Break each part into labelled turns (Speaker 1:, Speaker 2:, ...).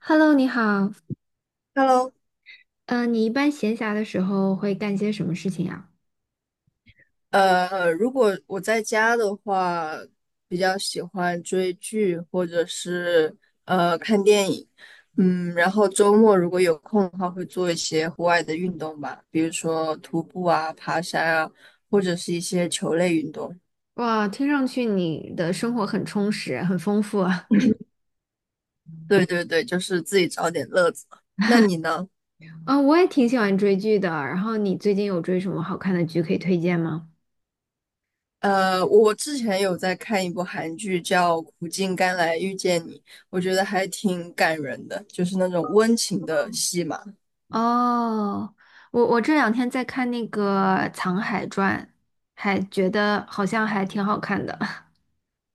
Speaker 1: Hello，你好。
Speaker 2: Hello，
Speaker 1: 嗯，你一般闲暇的时候会干些什么事情呀？
Speaker 2: 如果我在家的话，比较喜欢追剧或者是看电影。嗯，然后周末如果有空的话，会做一些户外的运动吧，比如说徒步啊、爬山啊，或者是一些球类运动。
Speaker 1: 哇，听上去你的生活很充实，很丰富啊。
Speaker 2: 对对对，就是自己找点乐子。那你呢？
Speaker 1: 嗯，我也挺喜欢追剧的。然后你最近有追什么好看的剧可以推荐吗？
Speaker 2: 我之前有在看一部韩剧叫《苦尽甘来遇见你》，我觉得还挺感人的，就是那种温情的戏嘛。
Speaker 1: 哦，我这两天在看那个《藏海传》，还觉得好像还挺好看的。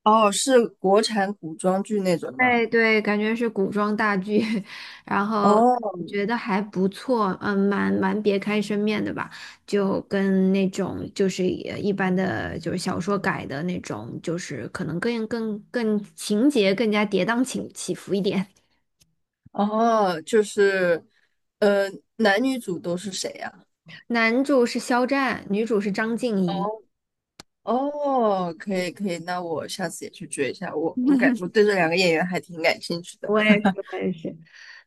Speaker 2: 哦，是国产古装剧那种吗？
Speaker 1: 哎，对，感觉是古装大剧，然后
Speaker 2: 哦。
Speaker 1: 觉得还不错，嗯，蛮别开生面的吧，就跟那种就是也一般的，就是小说改的那种，就是可能更情节更加跌宕起伏一点。
Speaker 2: 哦，就是，呃，男女主都是谁呀？
Speaker 1: 男主是肖战，女主是张婧仪。
Speaker 2: 哦。哦，可以可以，那我下次也去追一下。我对这两个演员还挺感兴趣的。
Speaker 1: 我也是，我也是。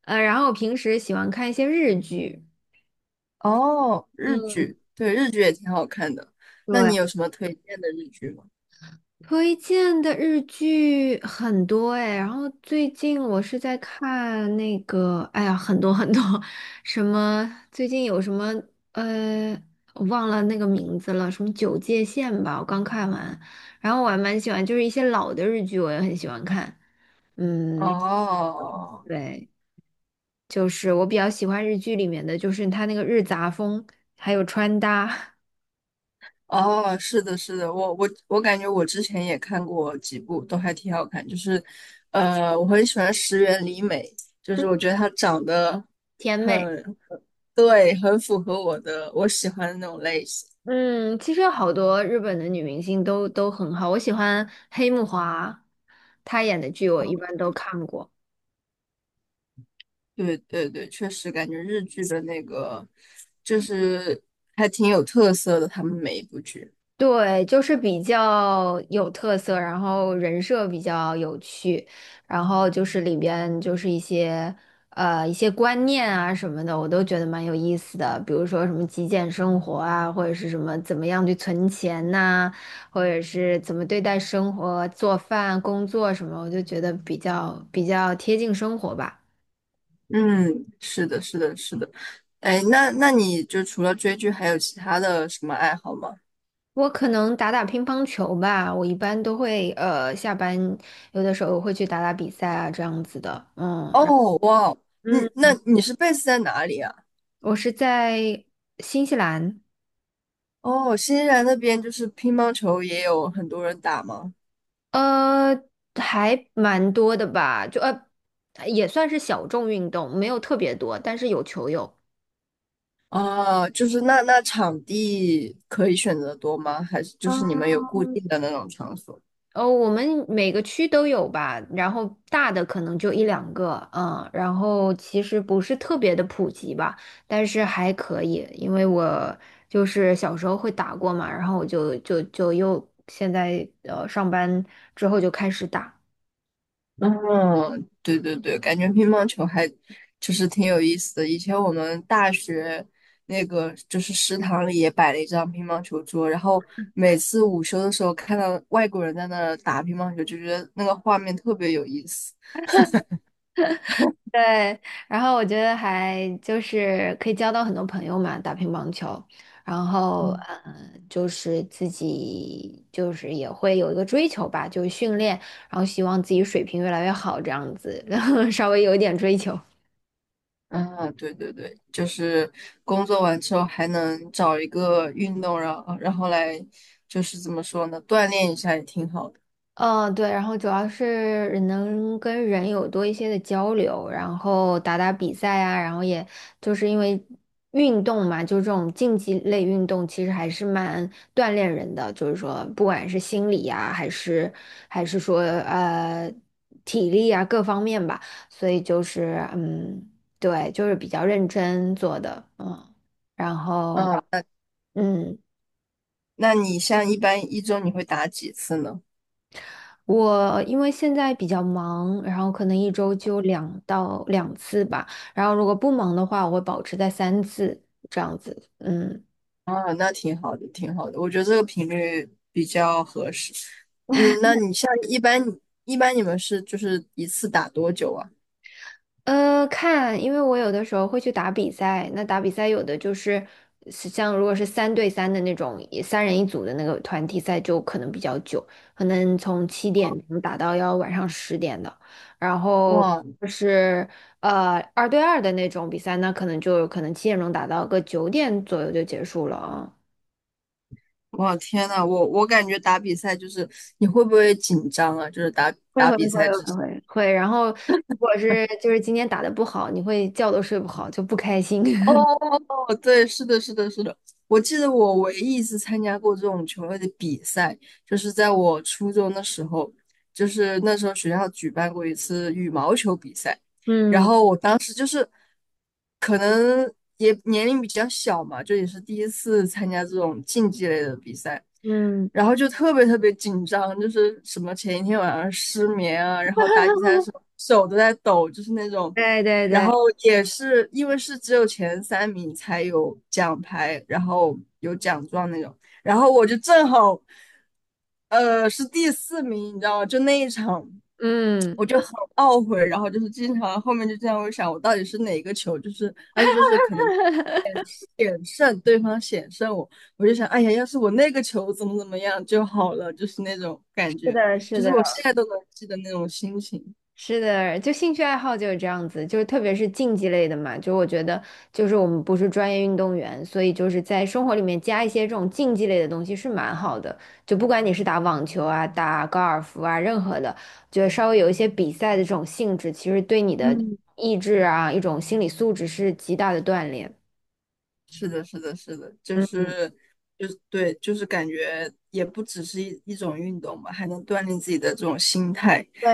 Speaker 1: 然后平时喜欢看一些日剧，
Speaker 2: 哦，日
Speaker 1: 嗯，
Speaker 2: 剧，对，日剧也挺好看的。那
Speaker 1: 对。
Speaker 2: 你有什么推荐的日剧吗？
Speaker 1: 推荐的日剧很多哎，然后最近我是在看那个，哎呀，很多很多，什么最近有什么呃，我忘了那个名字了，什么《九界线》吧，我刚看完，然后我还蛮喜欢，就是一些老的日剧我也很喜欢看，嗯，
Speaker 2: 哦。
Speaker 1: 对，就是我比较喜欢日剧里面的，就是它那个日杂风，还有穿搭，
Speaker 2: 哦，是的，是的，我感觉我之前也看过几部，都还挺好看。就是，我很喜欢石原里美，就是我觉得她长得
Speaker 1: 甜美。
Speaker 2: 很。对，很符合我喜欢的那种类型。
Speaker 1: 嗯，其实好多日本的女明星都很好，我喜欢黑木华，她演的剧我一般都看过。
Speaker 2: 对对对，确实感觉日剧的那个就是还挺有特色的，他们每一部剧。
Speaker 1: 对，就是比较有特色，然后人设比较有趣，然后就是里边就是一些观念啊什么的，我都觉得蛮有意思的。比如说什么极简生活啊，或者是什么怎么样去存钱呐、或者是怎么对待生活、做饭、工作什么，我就觉得比较贴近生活吧。
Speaker 2: 嗯，是的，是的，是的。哎，那你就除了追剧，还有其他的什么爱好吗？
Speaker 1: 我可能打打乒乓球吧，我一般都会下班有的时候会去打打比赛啊这样子的，嗯，
Speaker 2: 哦，哇哦，你
Speaker 1: 嗯，
Speaker 2: 那你是 base 在哪里啊？
Speaker 1: 我是在新西兰，
Speaker 2: 哦，新西兰那边就是乒乓球也有很多人打吗？
Speaker 1: 呃，还蛮多的吧，也算是小众运动，没有特别多，但是有球友。
Speaker 2: 啊，就是那场地可以选择多吗？还是就是你们有固定的那种场所？
Speaker 1: 哦，我们每个区都有吧，然后大的可能就一两个，嗯，然后其实不是特别的普及吧，但是还可以，因为我就是小时候会打过嘛，然后我就又现在上班之后就开始打。
Speaker 2: 嗯，对对对，感觉乒乓球还就是挺有意思的。以前我们大学那个就是食堂里也摆了一张乒乓球桌，然后每次午休的时候看到外国人在那儿打乒乓球，就觉得那个画面特别有意思。
Speaker 1: 对，然后我觉得还就是可以交到很多朋友嘛，打乒乓球，然后
Speaker 2: 嗯。
Speaker 1: 就是自己就是也会有一个追求吧，就是训练，然后希望自己水平越来越好这样子，然后稍微有一点追求。
Speaker 2: 啊，对对对，就是工作完之后还能找一个运动，然后来就是怎么说呢，锻炼一下也挺好的。
Speaker 1: 嗯，对，然后主要是能跟人有多一些的交流，然后打打比赛啊，然后也就是因为运动嘛，就这种竞技类运动，其实还是蛮锻炼人的，就是说不管是心理呀、还是说体力啊各方面吧，所以就是嗯，对，就是比较认真做的，嗯，然后。
Speaker 2: 啊，
Speaker 1: 嗯。
Speaker 2: 那你像一般一周你会打几次呢？
Speaker 1: 我因为现在比较忙，然后可能一周就两次吧，然后如果不忙的话，我会保持在三次这样子。嗯，
Speaker 2: 啊，那挺好的，挺好的，我觉得这个频率比较合适。嗯，那你像一般你们是就是一次打多久啊？
Speaker 1: 看，因为我有的时候会去打比赛，那打比赛有的就是像如果是三对三的那种，也三人一组的那个团体赛就可能比较久，可能从七点钟打到要晚上十点的，然后
Speaker 2: 哇
Speaker 1: 就是二对二的那种比赛，那可能就可能七点钟打到个九点左右就结束了啊。
Speaker 2: 哇，天呐，我感觉打比赛就是你会不会紧张啊？就是打
Speaker 1: 会
Speaker 2: 打
Speaker 1: 会会会会会，然后如果是就是今天打的不好，你会觉都睡不好，就不开心。
Speaker 2: 哦，对，是的，是的，是的。我记得我唯一一次参加过这种球类的比赛，就是在我初中的时候，就是那时候学校举办过一次羽毛球比赛，然
Speaker 1: 嗯
Speaker 2: 后我当时就是可能也年龄比较小嘛，就也是第一次参加这种竞技类的比赛，
Speaker 1: 嗯。
Speaker 2: 然后就特别特别紧张，就是什么前一天晚上失眠啊，然后打比赛的时候手都在抖，就是那种。
Speaker 1: 对对
Speaker 2: 然
Speaker 1: 对，
Speaker 2: 后也是因为是只有前三名才有奖牌，然后有奖状那种。然后我就正好，是第四名，你知道吗？就那一场，
Speaker 1: 嗯，
Speaker 2: 我就很懊悔，然后就是经常后面就这样会想，我到底是哪个球？就是而且就是可能险胜对方险胜我，我就想，哎呀，要是我那个球怎么怎么样就好了，就是那种感
Speaker 1: 是
Speaker 2: 觉，
Speaker 1: 的，是
Speaker 2: 就是
Speaker 1: 的，
Speaker 2: 我现在都能记得那种心情。
Speaker 1: 是的，就兴趣爱好就是这样子，就是特别是竞技类的嘛，就我觉得，就是我们不是专业运动员，所以就是在生活里面加一些这种竞技类的东西是蛮好的。就不管你是打网球啊、打高尔夫啊，任何的，就得稍微有一些比赛的这种性质，其实对你的
Speaker 2: 嗯。
Speaker 1: 意志啊，一种心理素质是极大的锻炼。
Speaker 2: 是的，是的，是的，就
Speaker 1: 嗯嗯，
Speaker 2: 是就是对，就是感觉也不只是一种运动吧，还能锻炼自己的这种心态。
Speaker 1: 对，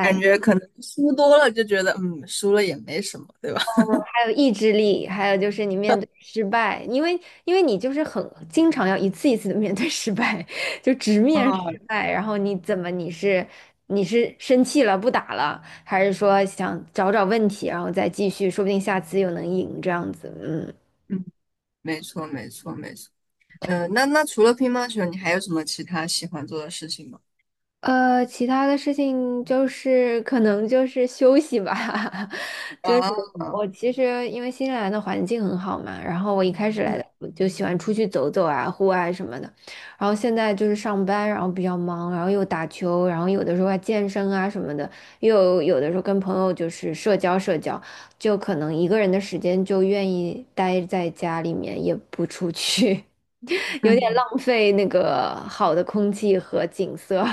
Speaker 2: 感觉可能输多了就觉得，嗯，输了也没什么，对吧？
Speaker 1: 还有意志力，还有就是你面对失败，因为你就是很经常要一次一次的面对失败，就直面失
Speaker 2: 啊，
Speaker 1: 败，然后你怎么你是生气了不打了，还是说想找找问题，然后再继续，说不定下次又能赢这样子，嗯。
Speaker 2: 嗯，没错，没错，没错。嗯、那除了乒乓球，你还有什么其他喜欢做的事情吗？
Speaker 1: 其他的事情就是可能就是休息吧，就是
Speaker 2: 啊，
Speaker 1: 我其实因为新西兰的环境很好嘛，然后我一开始来的
Speaker 2: 嗯
Speaker 1: 我就喜欢出去走走啊，户外什么的，然后现在就是上班，然后比较忙，然后又打球，然后有的时候还健身啊什么的，又有的时候跟朋友就是社交社交，就可能一个人的时间就愿意待在家里面，也不出去，有点
Speaker 2: 嗯，
Speaker 1: 浪费那个好的空气和景色。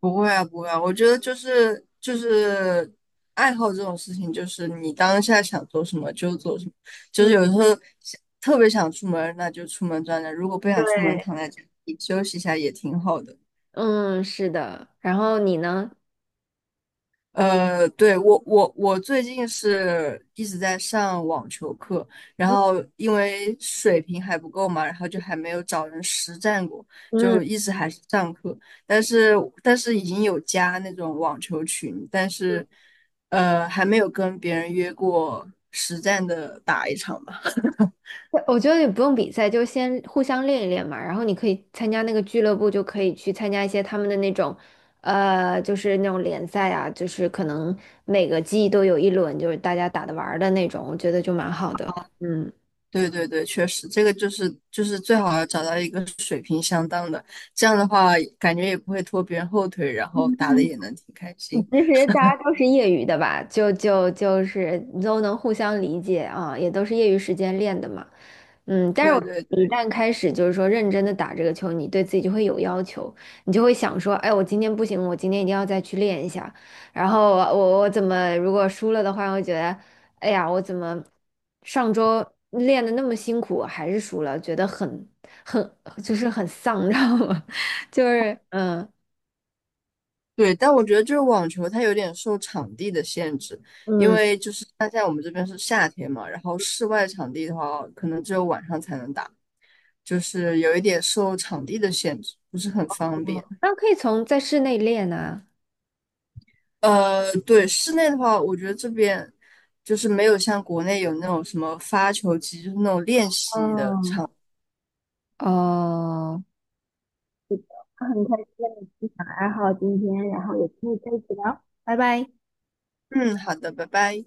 Speaker 2: 不会啊，不会啊，我觉得就是就是爱好这种事情，就是你当下想做什么就做什么，就是有时候想特别想出门，那就出门转转；如果不想出门，躺在家里休息一下也挺好的。
Speaker 1: 嗯，是的。然后你呢？
Speaker 2: 对，我最近是一直在上网球课，然后因为水平还不够嘛，然后就还没有找人实战过，
Speaker 1: 嗯，
Speaker 2: 就一直还是上课，但是但是已经有加那种网球群，但是还没有跟别人约过实战的打一场吧。
Speaker 1: 我觉得也不用比赛，就先互相练一练嘛。然后你可以参加那个俱乐部，就可以去参加一些他们的那种，就是那种联赛啊，就是可能每个季都有一轮，就是大家打的玩儿的那种，我觉得就蛮好的。嗯。
Speaker 2: 对对对，确实，这个就是就是最好要找到一个水平相当的，这样的话感觉也不会拖别人后腿，然后打的也能挺开
Speaker 1: 其
Speaker 2: 心。
Speaker 1: 实大家都是业余的吧，就是都能互相理解啊，也都是业余时间练的嘛。嗯，但是我
Speaker 2: 对对
Speaker 1: 一
Speaker 2: 对
Speaker 1: 旦开始就是说认真的打这个球，你对自己就会有要求，你就会想说，哎，我今天不行，我今天一定要再去练一下。然后我我我怎么如果输了的话，我会觉得，哎呀，我怎么上周练的那么辛苦，还是输了，觉得很就是很丧，你知道吗？就是嗯。
Speaker 2: 对，但我觉得就是网球它有点受场地的限制，因
Speaker 1: 嗯
Speaker 2: 为就是像现在我们这边是夏天嘛，然后室外场地的话，可能只有晚上才能打，就是有一点受场地的限制，不是很方
Speaker 1: 嗯
Speaker 2: 便。
Speaker 1: 那可以在室内练啊。
Speaker 2: 对，室内的话，我觉得这边就是没有像国内有那种什么发球机，就是那种练习的
Speaker 1: 嗯，
Speaker 2: 场。
Speaker 1: 哦，很开心跟你分享爱好今天，然后也可以再一起聊，拜拜。
Speaker 2: 嗯，好的，拜拜。